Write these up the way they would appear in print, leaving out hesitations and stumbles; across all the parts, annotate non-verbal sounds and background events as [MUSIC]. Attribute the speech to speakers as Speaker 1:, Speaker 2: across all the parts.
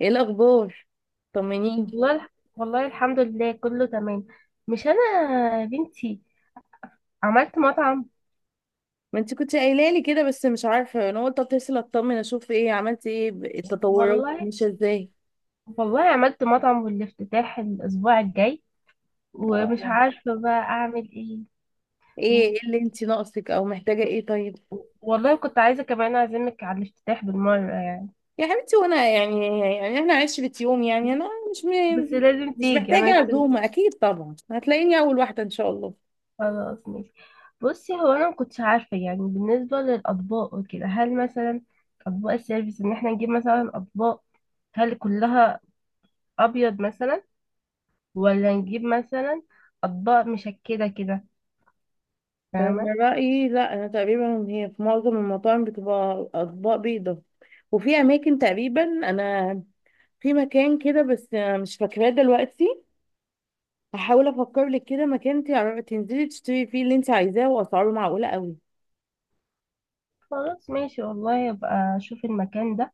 Speaker 1: ايه الاخبار؟ طمنيني.
Speaker 2: والله الح- والله الحمد لله كله تمام. مش انا يا بنتي عملت مطعم.
Speaker 1: ما انت كنت قايله لي كده، بس مش عارفه. انا قلت اتصل اطمن اشوف ايه عملتي، ايه التطورات؟
Speaker 2: والله
Speaker 1: ماشيه ازاي؟
Speaker 2: والله عملت مطعم والافتتاح الاسبوع الجاي. ومش
Speaker 1: اه.
Speaker 2: عارفه بقى اعمل ايه.
Speaker 1: ايه
Speaker 2: و-
Speaker 1: ايه اللي انت ناقصك او محتاجه؟ ايه طيب؟
Speaker 2: والله كنت عايزه كمان اعزمك على الافتتاح بالمره يعني.
Speaker 1: يا حبيبتي، وانا يعني احنا عشرة يوم يعني انا مش
Speaker 2: بس
Speaker 1: م...
Speaker 2: لازم
Speaker 1: مش
Speaker 2: تيجي
Speaker 1: محتاجه
Speaker 2: انا مستني.
Speaker 1: عزومه، اكيد طبعا هتلاقيني اول واحده ان شاء الله.
Speaker 2: خلاص ماشي. بصي هو انا ما كنتش عارفه يعني بالنسبه للاطباق وكده، هل مثلا اطباق السيرفيس ان احنا نجيب مثلا اطباق، هل كلها ابيض مثلا، ولا نجيب مثلا اطباق مشكله كده، فاهمه؟
Speaker 1: انا رايي لا. انا تقريبا، هي في معظم المطاعم بتبقى اطباق بيضه. وفي اماكن تقريبا، انا في مكان كده بس مش فاكراه دلوقتي. هحاول افكر لك كده مكان تنزلي تشتري فيه اللي انت عايزاه، واسعاره معقوله قوي.
Speaker 2: خلاص ماشي. والله ابقى اشوف المكان ده.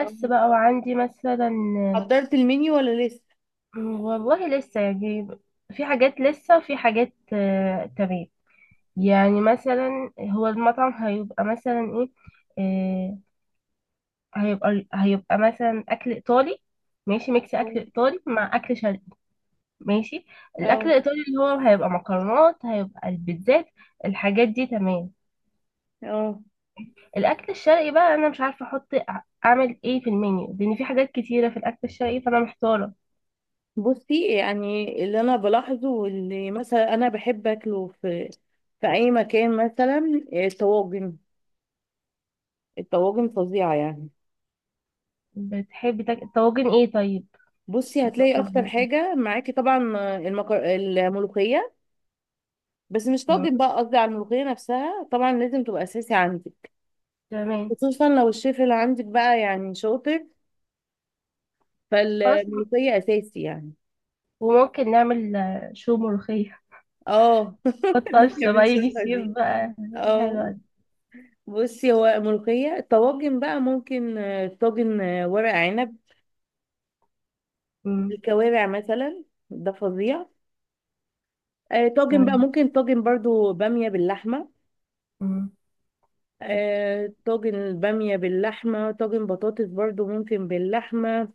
Speaker 1: اه،
Speaker 2: بقى، وعندي مثلا
Speaker 1: حضرت المنيو ولا لسه؟
Speaker 2: والله لسه يعني، في حاجات لسه وفي حاجات تمام. يعني مثلا هو المطعم هيبقى مثلا ايه آه، هيبقى مثلا اكل ايطالي. ماشي، ميكس
Speaker 1: اه.
Speaker 2: اكل ايطالي مع اكل شرقي. ماشي. الاكل
Speaker 1: اه.
Speaker 2: الايطالي اللي هو هيبقى مكرونات، هيبقى البيتزات، الحاجات دي تمام.
Speaker 1: اه.
Speaker 2: الاكل الشرقي بقى، انا مش عارفه احط اعمل ايه في المنيو، لان في حاجات كتيره في الاكل الشرقي فانا محتاره.
Speaker 1: بصي، يعني اللي انا بلاحظه واللي مثلا انا بحب اكله في اي مكان، مثلا الطواجن. الطواجن فظيعه يعني.
Speaker 2: طواجن ايه طيب؟
Speaker 1: بصي، هتلاقي
Speaker 2: طواجن
Speaker 1: اكتر
Speaker 2: إيه؟
Speaker 1: حاجه معاكي طبعا الملوخيه. بس مش
Speaker 2: مم.
Speaker 1: طاجن بقى، قصدي على الملوخيه نفسها. طبعا لازم تبقى اساسي عندك.
Speaker 2: تمام.
Speaker 1: خصوصا لو الشيف اللي عندك بقى يعني شاطر،
Speaker 2: خلاص.
Speaker 1: فالملوخية أساسي يعني.
Speaker 2: وممكن نعمل شو ملوخيه.
Speaker 1: اه. [LAUGHS] اللي احنا
Speaker 2: الطشه بقى يجي
Speaker 1: بنشوفها
Speaker 2: الصيف
Speaker 1: دي.
Speaker 2: بقى. حلوه
Speaker 1: اه.
Speaker 2: دي.
Speaker 1: بصي، هو ملوخية. الطواجن بقى ممكن طاجن، ورق عنب.
Speaker 2: مم.
Speaker 1: الكوارع مثلا، ده فظيع. طاجن بقى
Speaker 2: تمام.
Speaker 1: ممكن طاجن برضو بامية باللحمة.
Speaker 2: مم. طب
Speaker 1: طاجن البامية باللحمة. طاجن بطاطس برضو ممكن باللحمة.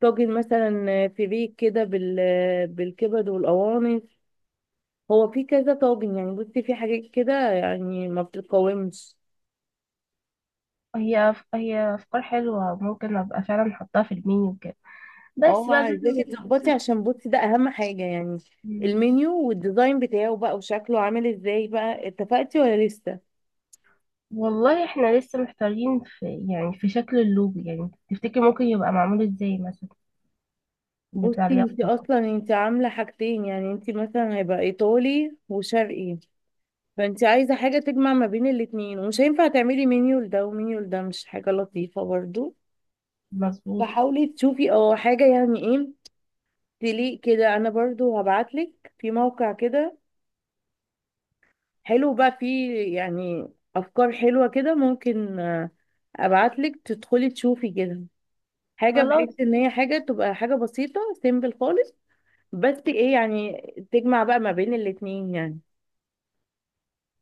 Speaker 1: طاجن مثلا فريك كده بالكبد والقوانص. هو في كذا طاجن يعني. بصي، في حاجات كده يعني ما بتتقاومش.
Speaker 2: هي افكار حلوه، ممكن ابقى فعلا احطها في المنيو كده.
Speaker 1: اه،
Speaker 2: بس بقى زي
Speaker 1: عايزاكي تظبطي،
Speaker 2: ما-
Speaker 1: عشان بصي ده اهم حاجة يعني.
Speaker 2: مم.
Speaker 1: المنيو والديزاين بتاعه بقى وشكله عامل ازاي، بقى اتفقتي ولا لسه؟
Speaker 2: والله احنا لسه محتارين في يعني في شكل اللوجو، يعني تفتكر ممكن يبقى معمول ازاي مثلا بتاع
Speaker 1: بصي، انت
Speaker 2: اليافطة؟
Speaker 1: اصلا انت عاملة حاجتين يعني. انت مثلا هيبقى ايطالي وشرقي. فانت عايزة حاجة تجمع ما بين الاتنين، ومش هينفع تعملي منيو لده ومنيو لده، مش حاجة لطيفة برضو.
Speaker 2: مظبوط.
Speaker 1: فحاولي تشوفي اه حاجة يعني ايه تليق كده. انا برضو هبعتلك في موقع كده حلو، بقى فيه يعني افكار حلوة كده. ممكن ابعتلك تدخلي تشوفي كده. حاجه،
Speaker 2: خلاص.
Speaker 1: بحيث ان هي حاجه تبقى حاجه بسيطه، سيمبل خالص، بس ايه يعني، تجمع بقى ما بين الاتنين يعني.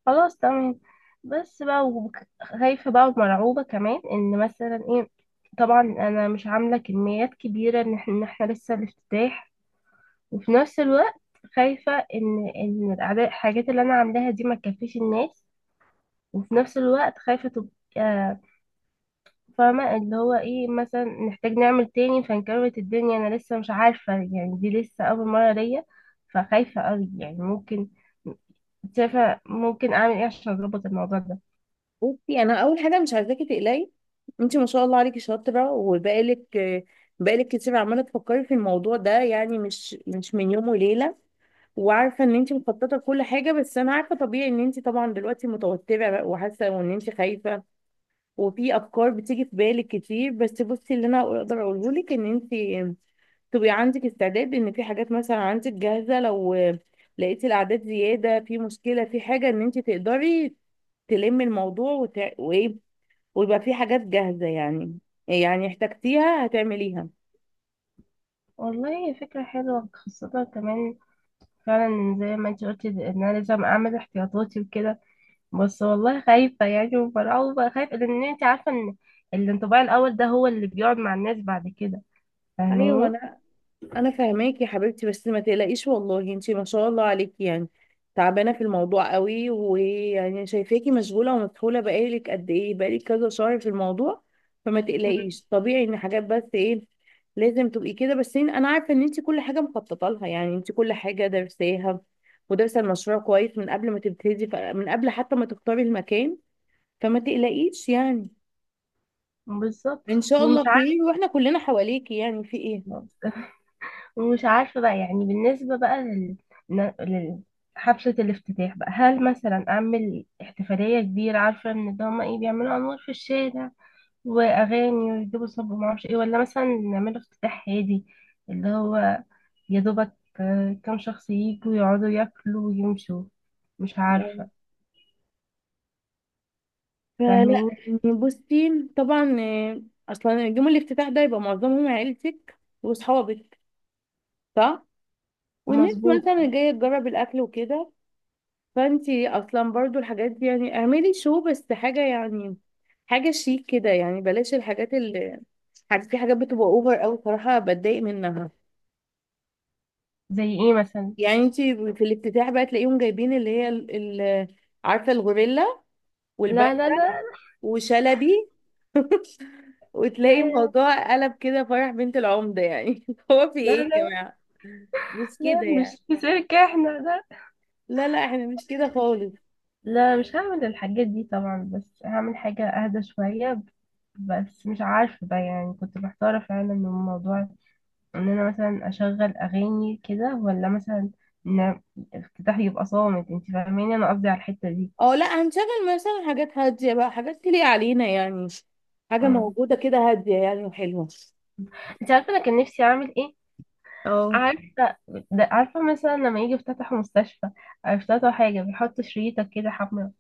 Speaker 2: خلاص تمام. خايفة بقى ومرعوبة كمان ان مثلا ايه. طبعا انا مش عاملة كميات كبيرة، إن إحنا لسه الافتتاح، وفي نفس الوقت خايفة ان الحاجات اللي انا عاملاها دي ما تكفيش الناس، وفي نفس الوقت خايفة تبقى، فاهمة اللي هو ايه، مثلا نحتاج نعمل تاني فانكربت الدنيا. انا لسه مش عارفة يعني، دي لسه اول مرة ليا، فخايفة قوي يعني. ممكن شايفة ممكن اعمل ايه عشان اظبط الموضوع ده؟
Speaker 1: بصي، انا اول حاجه مش عايزاكي تقلقي. انت ما شاء الله عليكي شاطره، وبقالك بقالك كتير عماله تفكري في الموضوع ده يعني، مش من يوم وليله. وعارفه ان انت مخططه لكل حاجه. بس انا عارفه طبيعي ان انت طبعا دلوقتي متوتره بقى وحاسه وان انت خايفه. وفي افكار بتيجي في بالك كتير. بس بصي، اللي انا اقدر اقوله لك، ان انت تبقي عندك استعداد ان في حاجات مثلا عندك جاهزه. لو لقيتي الاعداد زياده، في مشكله في حاجه، ان انت تقدري تلمي الموضوع وايه، ويبقى في حاجات جاهزه يعني احتجتيها هتعمليها.
Speaker 2: والله هي فكرة حلوة خاصة كمان، فعلا زي ما انت قلتي ان انا لازم اعمل احتياطاتي وكده. بس والله خايفة يعني ومرعوبة، خايفة لان انت عارفة ان الانطباع الاول ده هو اللي بيقعد مع الناس بعد كده،
Speaker 1: ايوه،
Speaker 2: فاهماني؟
Speaker 1: انا فاهماك يا حبيبتي. بس ما تقلقيش والله، انتي ما شاء الله عليكي يعني. تعبانه في الموضوع قوي، ويعني شايفاكي مشغوله ومسحوله بقالك قد ايه، بقالك كذا شهر في الموضوع. فما
Speaker 2: مم.
Speaker 1: تقلقيش، طبيعي ان حاجات بس ايه لازم تبقي كده. بس انا عارفه ان انتي كل حاجه مخططه لها يعني، انتي كل حاجه درساها. ودارسه المشروع كويس من قبل ما تبتدي، من قبل حتى ما تختاري المكان. فما تقلقيش يعني.
Speaker 2: بالظبط.
Speaker 1: ان شاء الله
Speaker 2: ومش
Speaker 1: خير، واحنا كلنا حواليكي يعني، في ايه.
Speaker 2: عارفة ومش عارفة بقى يعني بالنسبة بقى لل- حفلة الافتتاح بقى، هل مثلا أعمل احتفالية كبيرة، عارفة إن ده هما إيه، بيعملوا أنوار في الشارع وأغاني ويجيبوا صب ومعرفش إيه، ولا مثلا نعمله افتتاح هادي، اللي هو يا دوبك كام شخص ييجوا يقعدوا ياكلوا ويمشوا؟ مش عارفة،
Speaker 1: فلا
Speaker 2: فاهمين؟
Speaker 1: يعني، بصي، طبعا، اصلا يوم الافتتاح ده يبقى معظمهم عيلتك واصحابك، صح؟ والناس
Speaker 2: مظبوط.
Speaker 1: مثلا جايه تجرب الاكل وكده. فانتي اصلا برضو الحاجات دي يعني، اعملي شو بس حاجه يعني، حاجه شيك كده يعني. بلاش الحاجات اللي في حاجات بتبقى اوفر قوي صراحه، بتضايق منها.
Speaker 2: زي إيه مثلا؟
Speaker 1: يعني انتي في الافتتاح بقى تلاقيهم جايبين اللي هي عارفه الغوريلا والبنك
Speaker 2: لا لا لا.
Speaker 1: وشلبي. [LAUGHS] وتلاقي
Speaker 2: لا
Speaker 1: الموضوع قلب كده فرح بنت العمدة يعني. [LAUGHS] هو في
Speaker 2: لا
Speaker 1: ايه يا
Speaker 2: لا،
Speaker 1: جماعة؟ مش
Speaker 2: لا
Speaker 1: كده
Speaker 2: مش
Speaker 1: يعني.
Speaker 2: في سيرك احنا، لا.
Speaker 1: لا، لا، احنا مش كده خالص.
Speaker 2: لا مش هعمل الحاجات دي طبعا، بس هعمل حاجة أهدى شوية. بس مش عارفة بقى يعني، كنت محتارة فعلا من موضوع إن أنا مثلا أشغل أغاني كده، ولا مثلا إن الافتتاح يبقى صامت. انت فاهماني، أنا قصدي على الحتة دي.
Speaker 1: اه، لا، هنشغل مثلا حاجات هادية بقى، حاجات تليق علينا يعني، حاجة
Speaker 2: مم.
Speaker 1: موجودة كده هادية يعني وحلوة.
Speaker 2: انت عارفة أنا كان نفسي أعمل إيه؟
Speaker 1: اه.
Speaker 2: عارفة، ده عارفة مثلا لما يجي يفتتحوا مستشفى، أو يفتتحوا حاجة بيحطوا شريطة كده حمراء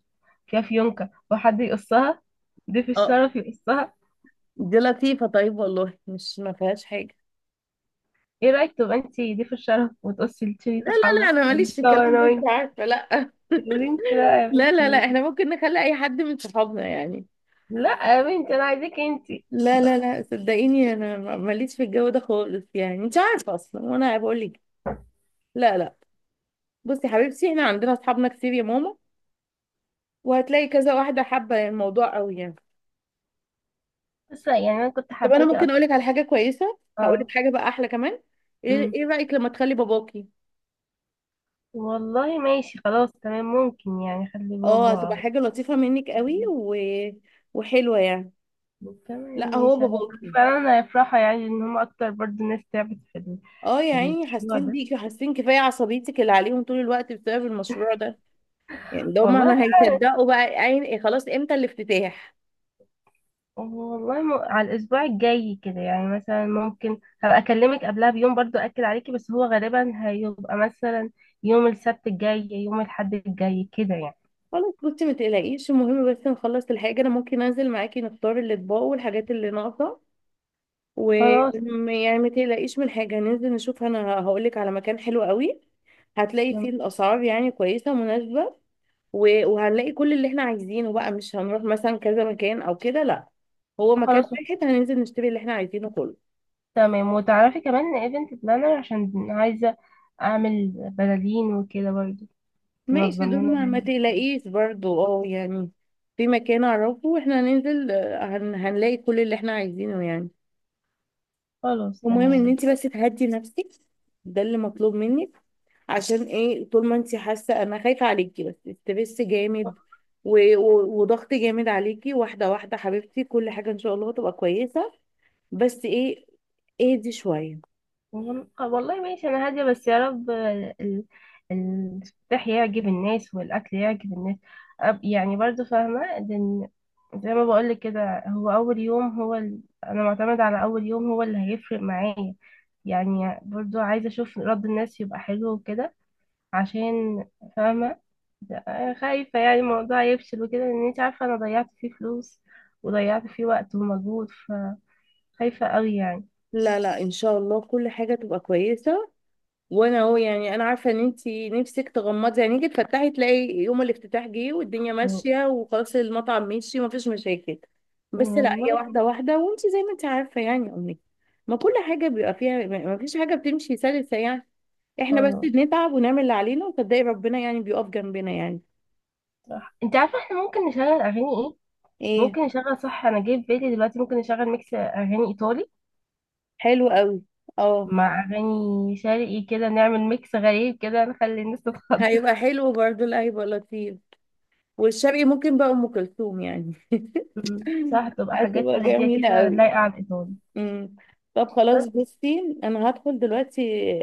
Speaker 2: فيها فيونكة وحد يقصها، ضيف
Speaker 1: اه،
Speaker 2: الشرف يقصها.
Speaker 1: دي لطيفة. طيب والله، مش ما فيهاش حاجة.
Speaker 2: ايه رايك تبقى انت ضيف الشرف وتقصي
Speaker 1: لا،
Speaker 2: الشريطه
Speaker 1: لا، لا،
Speaker 2: الحمراء
Speaker 1: انا ماليش في
Speaker 2: ونتصور
Speaker 1: الكلام
Speaker 2: انا
Speaker 1: ده، انت
Speaker 2: وانت؟
Speaker 1: عارفة. لا. [LAUGHS]
Speaker 2: تقولي انت لا يا
Speaker 1: لا،
Speaker 2: بنتي،
Speaker 1: لا، لا،
Speaker 2: وين؟
Speaker 1: احنا ممكن نخلي اي حد من صحابنا يعني.
Speaker 2: لا يا بنتي، انا عايزاك انت.
Speaker 1: لا، لا، لا، صدقيني، انا ماليش في الجو ده خالص يعني، انت عارفة اصلا وانا بقول لك. لا، لا. بصي يا حبيبتي، احنا عندنا اصحابنا كتير يا ماما، وهتلاقي كذا واحده حابه الموضوع قوي يعني.
Speaker 2: بس لا، يعني انا كنت
Speaker 1: طب، انا
Speaker 2: حباكي
Speaker 1: ممكن
Speaker 2: اكتر.
Speaker 1: اقولك على حاجه كويسه،
Speaker 2: اه.
Speaker 1: هقولك حاجه بقى احلى كمان. ايه
Speaker 2: أمم.
Speaker 1: ايه رايك لما تخلي باباكي؟
Speaker 2: والله ماشي خلاص تمام، ممكن يعني خلي
Speaker 1: اه، هتبقى
Speaker 2: بابا.
Speaker 1: حاجه لطيفه منك قوي وحلوه يعني.
Speaker 2: تمام
Speaker 1: لا، هو
Speaker 2: ماشي. انا
Speaker 1: باباكي.
Speaker 2: فعلا هيفرحوا يعني ان هم اكتر، برضو ناس تعبت في
Speaker 1: اه، يا
Speaker 2: في
Speaker 1: عيني،
Speaker 2: المشروع
Speaker 1: حاسين
Speaker 2: ده.
Speaker 1: بيكي وحاسين كفايه عصبيتك اللي عليهم طول الوقت بسبب المشروع ده. يعني ده هما
Speaker 2: والله،
Speaker 1: ما هيصدقوا بقى، عين إيه خلاص، امتى الافتتاح؟
Speaker 2: على الأسبوع الجاي كده يعني، مثلا ممكن هبقى أكلمك قبلها بيوم برضو أكد عليكي، بس هو غالبا هيبقى مثلا يوم السبت الجاي يوم الأحد الجاي كده يعني.
Speaker 1: خلاص بصي، ما تقلقيش. المهم بس نخلص الحاجه، انا ممكن انزل معاكي نختار الاطباق والحاجات اللي ناقصه.
Speaker 2: خلاص
Speaker 1: ويعني ما تقلقيش من حاجة. ننزل نشوف، انا هقولك على مكان حلو قوي. هتلاقي فيه
Speaker 2: تمام-
Speaker 1: الاسعار يعني كويسة مناسبة، وهنلاقي كل اللي احنا عايزينه بقى. مش هنروح مثلا كذا مكان او كده، لا. هو مكان
Speaker 2: خلاص
Speaker 1: واحد هننزل نشتري اللي احنا عايزينه كله.
Speaker 2: تمام. وتعرفي كمان إن ايفنت بلانر عشان عايزة أعمل بلالين وكده برضو،
Speaker 1: ماشي،
Speaker 2: تنظم
Speaker 1: دول
Speaker 2: لنا
Speaker 1: ما
Speaker 2: يعني.
Speaker 1: تقلقيش برضو اه يعني. في مكان اعرفه، واحنا هننزل، هنلاقي كل اللي احنا عايزينه يعني.
Speaker 2: خلاص
Speaker 1: المهم ان
Speaker 2: تمام.
Speaker 1: انت بس تهدي نفسك، ده اللي مطلوب منك. عشان ايه، طول ما انت حاسه، انا خايفه عليكي، بس ستريس جامد وضغط جامد عليكي. واحده واحده حبيبتي، كل حاجه ان شاء الله تبقى كويسه، بس ايه، اهدي شويه.
Speaker 2: والله ماشي انا هاديه، بس يا رب الفلاح يعجب الناس والاكل يعجب الناس. يعني برضو فاهمه، لان زي ما بقولك كده، هو اول يوم هو انا معتمد على اول يوم هو اللي هيفرق معايا، يعني برضو عايزه اشوف رد الناس يبقى حلو وكده، عشان، فاهمه، خايفه يعني الموضوع يفشل وكده، لان انت عارفه انا ضيعت فيه فلوس، وضيعت فيه وقت ومجهود، فخايفه قوي يعني.
Speaker 1: لا، لا، ان شاء الله كل حاجه تبقى كويسه. وانا اهو يعني، انا عارفه ان انت نفسك تغمضي عينيكي تفتحي تلاقي يوم الافتتاح جه، والدنيا
Speaker 2: و-
Speaker 1: ماشيه وخلاص، المطعم ماشي ومفيش مشاكل. بس لا، هي
Speaker 2: والله
Speaker 1: واحده واحده، وانت زي ما انت عارفه يعني يا امي، ما كل حاجه بيبقى فيها، ما فيش حاجه بتمشي سلسه يعني. احنا بس بنتعب ونعمل اللي علينا، وصدقي ربنا يعني بيقف جنبنا يعني.
Speaker 2: صح، انت عارفه احنا ممكن نشغل اغاني ايه،
Speaker 1: ايه.
Speaker 2: ممكن نشغل، صح انا جاي في بالي دلوقتي، ممكن نشغل ميكس اغاني ايطالي
Speaker 1: حلو قوي. اه،
Speaker 2: مع اغاني شرقي، كده نعمل ميكس غريب كده نخلي الناس تتخض. [LAUGHS]
Speaker 1: هيبقى حلو برضه، لا هيبقى لطيف. والشرقي ممكن بقى ام كلثوم يعني. [LAUGHS]
Speaker 2: مم. صح، تبقى حاجات
Speaker 1: هتبقى
Speaker 2: هاديه
Speaker 1: جميلة
Speaker 2: كده
Speaker 1: قوي.
Speaker 2: لايقه على الايطالي.
Speaker 1: امم طب خلاص،
Speaker 2: بس
Speaker 1: بصي، انا هدخل دلوقتي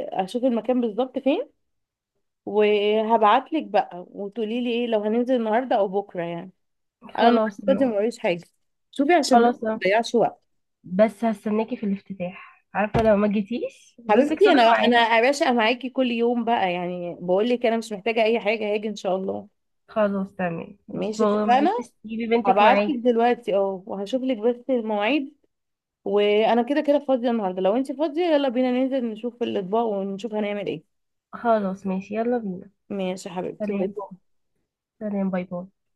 Speaker 1: اشوف المكان بالظبط فين. وهبعتلك بقى، وتقولي لي ايه لو هننزل النهارده او بكره يعني. انا النهارده
Speaker 2: خلاص
Speaker 1: فاضية،
Speaker 2: تمام.
Speaker 1: موريش حاجه. شوفي عشان بس
Speaker 2: خلاص
Speaker 1: ما
Speaker 2: تمام
Speaker 1: تضيعش وقت.
Speaker 2: بس هستناكي في الافتتاح، عارفه لو ما جيتيش بنتك
Speaker 1: حبيبتي،
Speaker 2: صدق
Speaker 1: انا
Speaker 2: معاكي.
Speaker 1: انا يا باشا معاكي كل يوم بقى يعني، بقول لك انا مش محتاجه اي حاجه، هاجي ان شاء الله.
Speaker 2: خلاص تمام، مش
Speaker 1: ماشي،
Speaker 2: ما
Speaker 1: اتفقنا.
Speaker 2: تنسيش تجيبي بنتك
Speaker 1: هبعت
Speaker 2: معاكي.
Speaker 1: لك دلوقتي اه، وهشوف لك بس المواعيد. وانا كده كده فاضيه النهارده، لو انت فاضيه يلا بينا ننزل نشوف الاطباق ونشوف هنعمل ايه.
Speaker 2: خلاص ماشي، يلا بينا.
Speaker 1: ماشي يا حبيبتي.
Speaker 2: سلام. سلام، باي باي.